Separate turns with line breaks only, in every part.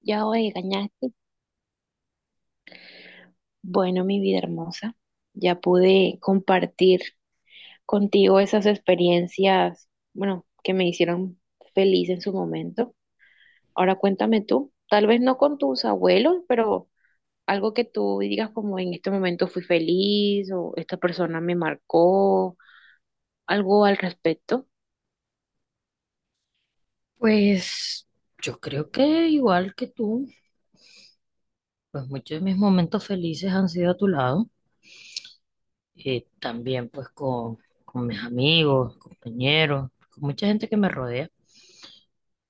Ya hoy ganaste. Bueno, mi vida hermosa, ya pude compartir contigo esas experiencias, bueno, que me hicieron feliz en su momento. Ahora cuéntame tú, tal vez no con tus abuelos, pero algo que tú digas como en este momento fui feliz o esta persona me marcó, algo al respecto.
Pues yo creo que igual que tú, pues muchos de mis momentos felices han sido a tu lado, también pues con mis amigos, compañeros, con mucha gente que me rodea.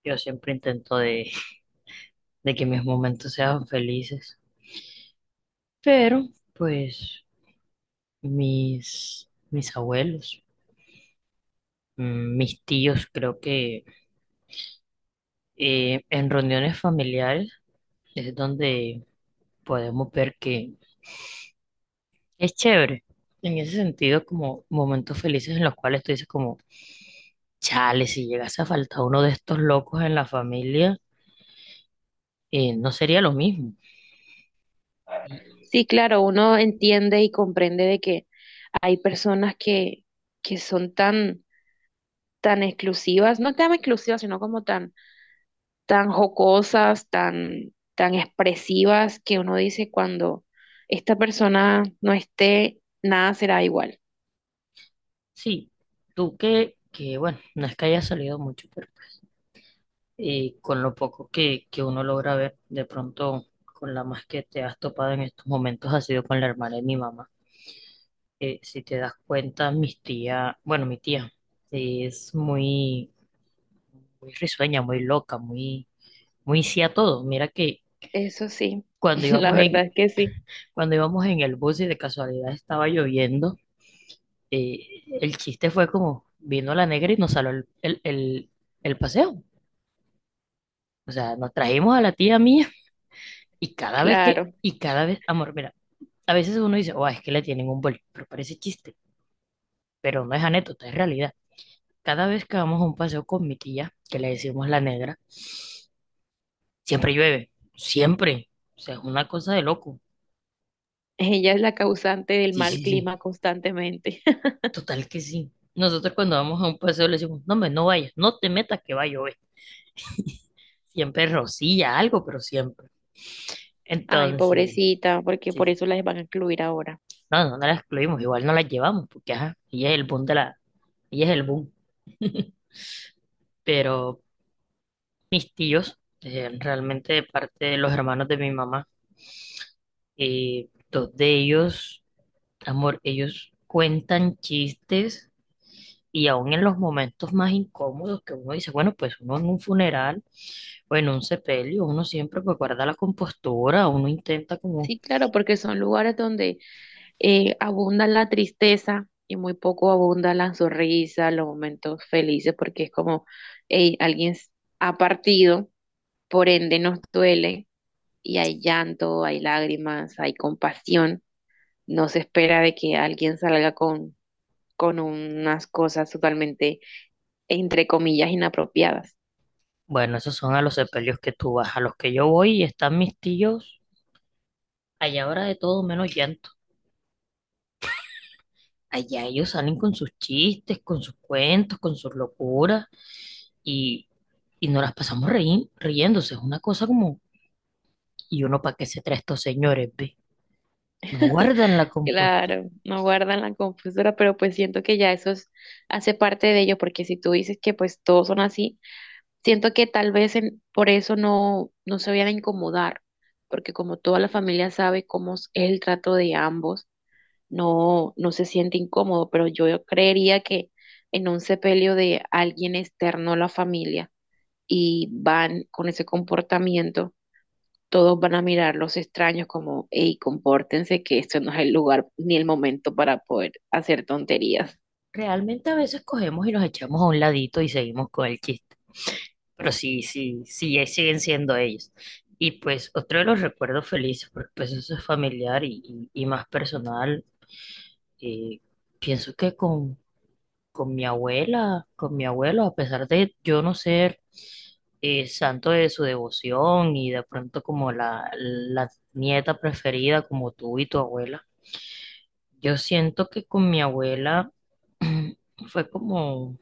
Yo siempre intento de que mis momentos sean felices, pero pues mis abuelos, mis tíos, creo que en reuniones familiares es donde podemos ver que es chévere. En ese sentido, como momentos felices en los cuales tú dices como, chale, si llegase a faltar uno de estos locos en la familia, no sería lo mismo. Y
Sí, claro, uno entiende y comprende de que hay personas que son tan, tan exclusivas, no tan exclusivas, sino como tan tan jocosas, tan, tan expresivas, que uno dice cuando esta persona no esté, nada será igual.
sí, tú que bueno, no es que haya salido mucho, pero con lo poco que uno logra ver, de pronto con la más que te has topado en estos momentos ha sido con la hermana de mi mamá. Si te das cuenta, mis tía, bueno, mi tía es muy, muy risueña, muy loca, muy muy sí a todo. Mira que
Eso sí,
cuando
la
íbamos en,
verdad es que sí,
cuando íbamos en el bus y de casualidad estaba lloviendo, el chiste fue como vino la negra y nos saló el paseo. O sea, nos trajimos a la tía mía y
claro.
y cada vez, amor, mira, a veces uno dice, oh, es que le tienen un bol, pero parece chiste, pero no es anécdota, es realidad. Cada vez que vamos a un paseo con mi tía, que le decimos la negra, siempre llueve, siempre. O sea, es una cosa de loco.
Ella es la causante del
Sí,
mal
sí, sí.
clima constantemente.
Total que sí. Nosotros cuando vamos a un paseo le decimos, no, me no vayas, no te metas que va a llover. Siempre rocilla algo, pero siempre.
Ay,
Entonces, sí,
pobrecita, porque por
sí.
eso las van a incluir ahora.
No, no, no la excluimos, igual no la llevamos, porque ajá, ella es el boom. Pero mis tíos, realmente de parte de los hermanos de mi mamá, dos de ellos, amor, ellos cuentan chistes y aún en los momentos más incómodos que uno dice, bueno, pues uno en un funeral, bueno, un sepelio, uno siempre pues guarda la compostura, uno intenta como,
Sí, claro, porque son lugares donde abunda la tristeza y muy poco abunda la sonrisa, los momentos felices, porque es como, hey, ha partido. Por ende, nos duele y hay llanto, hay lágrimas, hay compasión. No se espera de que alguien salga con unas cosas totalmente, entre comillas, inapropiadas.
bueno, esos son a los sepelios que tú vas, a los que yo voy y están mis tíos, allá ahora de todo menos llanto. Allá ellos salen con sus chistes, con sus cuentos, con sus locuras y, y nos las pasamos riéndose, es una cosa como, ¿y uno para qué se trae estos señores, ve? No guardan la compostura.
Claro, no guardan la confesora, pero pues siento que ya hace parte de ello, porque si tú dices que pues todos son así, siento que tal vez por eso no, no se vayan a incomodar, porque como toda la familia sabe cómo es el trato de ambos, no, no se siente incómodo, pero yo creería que en un sepelio de alguien externo a la familia y van con ese comportamiento, todos van a mirar los extraños como, hey, compórtense, que esto no es el lugar ni el momento para poder hacer tonterías.
Realmente a veces cogemos y nos echamos a un ladito y seguimos con el chiste. Pero sí, sí, sí, siguen siendo ellos. Y pues otro de los recuerdos felices, porque pues eso es familiar y, y más personal, eh, pienso que con mi abuela, con mi abuelo, a pesar de yo no ser santo de su devoción y de pronto como la nieta preferida como tú y tu abuela, yo siento que con mi abuela fue como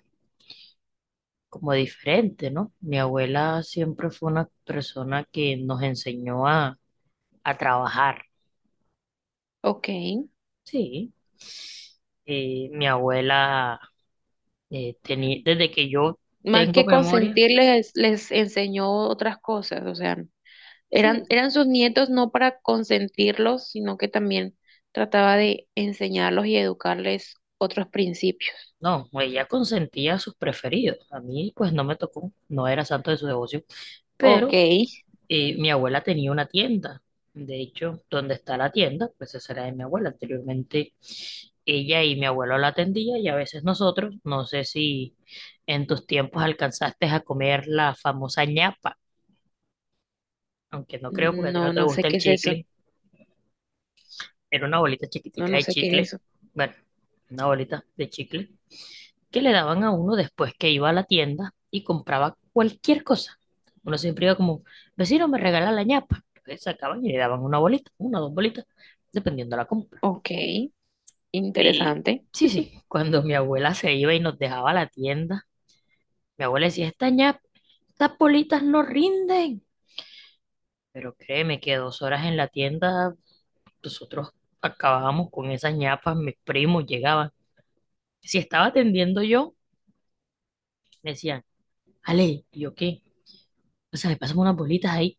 como diferente, ¿no? Mi abuela siempre fue una persona que nos enseñó a trabajar.
Ok,
Sí, mi abuela tenía, desde que yo
más
tengo
que
memoria,
consentirles, les enseñó otras cosas, o sea, eran,
sí,
eran sus nietos no para consentirlos, sino que también trataba de enseñarlos y educarles otros principios.
no, ella consentía a sus preferidos. A mí, pues, no me tocó, no era santo de su devoción,
Ok,
pero eh, mi abuela tenía una tienda. De hecho, donde está la tienda, pues esa era de mi abuela. Anteriormente, ella y mi abuelo la atendía y a veces nosotros, no sé si en tus tiempos alcanzaste a comer la famosa ñapa, aunque no creo porque a ti no
no,
te
no sé
gusta el
qué es eso,
chicle. Era una bolita
no,
chiquitica
no
de
sé qué es
chicle,
eso.
una bolita de chicle, que le daban a uno después que iba a la tienda y compraba cualquier cosa. Uno siempre iba como, vecino, me regala la ñapa. Entonces sacaban y le daban una bolita, una o dos bolitas, dependiendo de la compra.
Ok,
Y
interesante.
sí, sí, cuando mi abuela se iba y nos dejaba la tienda, mi abuela decía, esta ñapa, estas bolitas no rinden. Pero créeme que dos horas en la tienda, nosotros acabábamos con esas ñapas, mis primos llegaban. Si estaba atendiendo yo, me decían, Ale, ¿y yo qué? O sea, me pasan unas bolitas ahí.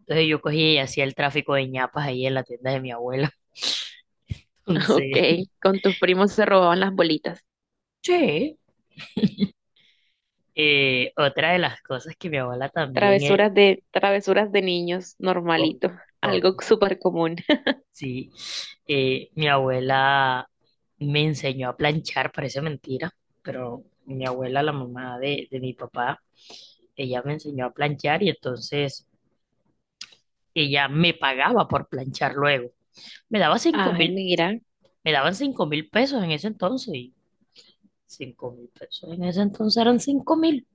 Entonces yo cogí y hacía el tráfico de ñapas ahí en la tienda de mi abuela.
Ok,
Entonces,
con tus primos se robaban las bolitas.
sí. Otra de las cosas que mi abuela también era,
Travesuras de niños,
obvio,
normalito, algo
obvio,
súper común.
sí, mi abuela me enseñó a planchar, parece mentira, pero mi abuela, la mamá de mi papá, ella me enseñó a planchar y entonces ella me pagaba por planchar luego. Me daba cinco
Ay,
mil,
mira,
me daban 5.000 pesos en ese entonces. 5.000 pesos. En ese entonces eran 5.000.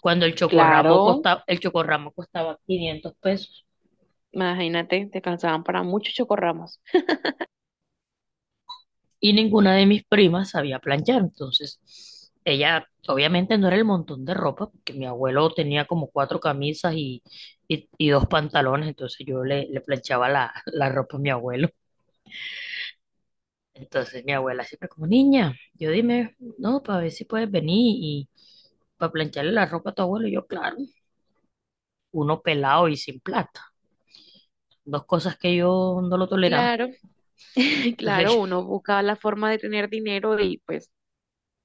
Cuando
claro,
el chocorramo costaba 500 pesos.
imagínate, te cansaban para muchos chocorramos.
Y ninguna de mis primas sabía planchar. Entonces, ella obviamente no era el montón de ropa, porque mi abuelo tenía como cuatro camisas y, y dos pantalones. Entonces, yo le, le planchaba la, la ropa a mi abuelo. Entonces, mi abuela siempre como niña, yo dime, no, para ver si puedes venir y para plancharle la ropa a tu abuelo. Y yo, claro, uno pelado y sin plata, dos cosas que yo no lo toleraba.
Claro, claro,
Entonces,
uno buscaba la forma de tener dinero y pues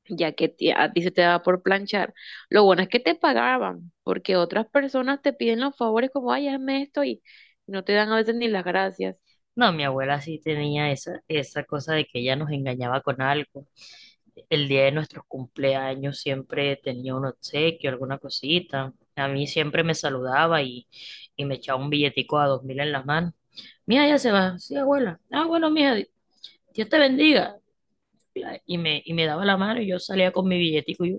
ya a ti se te daba por planchar. Lo bueno es que te pagaban, porque otras personas te piden los favores como, ay, hazme esto y no te dan a veces ni las gracias.
no, mi abuela sí tenía esa, esa cosa de que ella nos engañaba con algo. El día de nuestros cumpleaños siempre tenía un obsequio, alguna cosita. A mí siempre me saludaba y me echaba un billetico a 2.000 en la mano. Mía, ya se va. Sí, abuela. Ah, bueno, mía, Dios te bendiga. Y me daba la mano y yo salía con mi billetico y yo,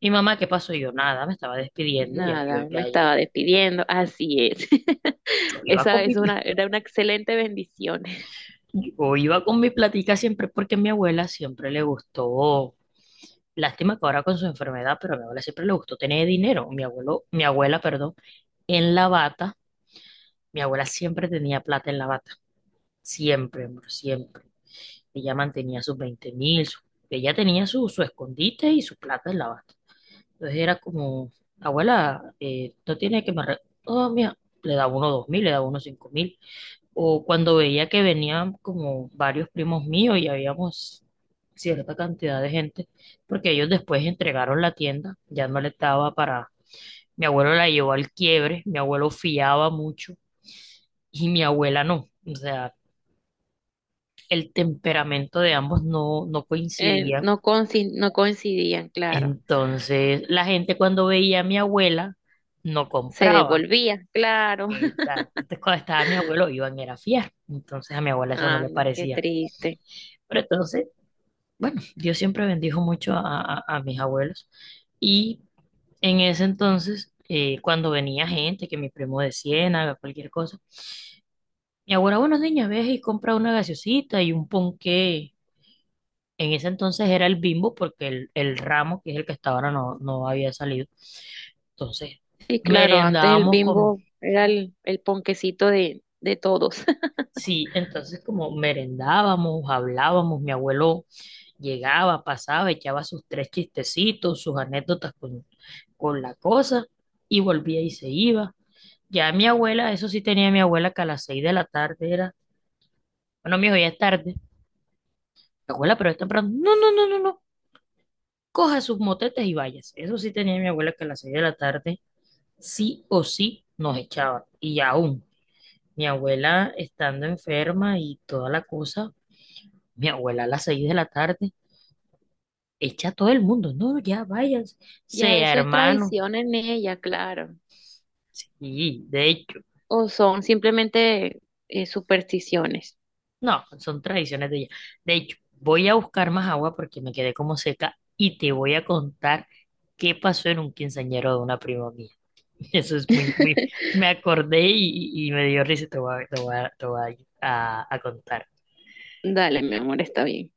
y mamá, ¿qué pasó? Y yo, nada, me estaba despidiendo, ya yo,
Nada, me
ya, ya,
estaba despidiendo, así es.
yo iba con
Esa
mi,
es una excelente bendición.
yo iba con mi platica siempre porque a mi abuela siempre le gustó, lástima que ahora con su enfermedad, pero a mi abuela siempre le gustó tener dinero. Mi abuela, perdón, en la bata, mi abuela siempre tenía plata en la bata, siempre, amor, siempre. Ella mantenía sus 20.000, ella tenía su, su escondite y su plata en la bata. Entonces era como, abuela, no tiene que oh, mira, le da uno 2.000, le da uno 5.000, o cuando veía que venían como varios primos míos y habíamos cierta cantidad de gente, porque ellos después entregaron la tienda, ya no le estaba para... Mi abuelo la llevó al quiebre, mi abuelo fiaba mucho y mi abuela no. O sea, el temperamento de ambos no, no
Eh,
coincidía.
no coinci- no coincidían, claro.
Entonces, la gente cuando veía a mi abuela no
Se
compraba.
devolvía, claro.
Exacto. Entonces, cuando estaba mi abuelo, iban era a fiar. Entonces, a mi abuela eso no le
Anda, qué
parecía.
triste.
Pero entonces bueno, Dios siempre bendijo mucho a, a mis abuelos. Y en ese entonces, cuando venía gente, que mi primo de Ciénaga, cualquier cosa, mi abuela, bueno, niña, ves y compra una gaseosita y un ponqué. En ese entonces era el Bimbo, porque el ramo, que es el que hasta ahora no, no había salido. Entonces,
Sí, claro, antes el
merendábamos con,
bimbo era el ponquecito de todos.
sí, entonces como merendábamos, hablábamos, mi abuelo llegaba, pasaba, echaba sus tres chistecitos, sus anécdotas con la cosa y volvía y se iba. Ya mi abuela, eso sí tenía mi abuela que a las 6 de la tarde era, bueno, mijo, ya es tarde. Abuela, pero es temprano. No, no, no, no, no. Coja sus motetes y váyase. Eso sí tenía mi abuela que a las seis de la tarde sí o sí nos echaba. Y aún, mi abuela estando enferma y toda la cosa, mi abuela a las 6 de la tarde echa a todo el mundo. No, ya váyanse.
Ya
Sea
eso es
hermano,
tradición en ella, claro,
sí, de hecho,
o son simplemente supersticiones.
no, son tradiciones de ella. De hecho, voy a buscar más agua porque me quedé como seca y te voy a contar qué pasó en un quinceañero de una prima mía. Eso es muy, muy, me acordé y, y me dio risa y te voy a, a contar.
Dale, mi amor, está bien.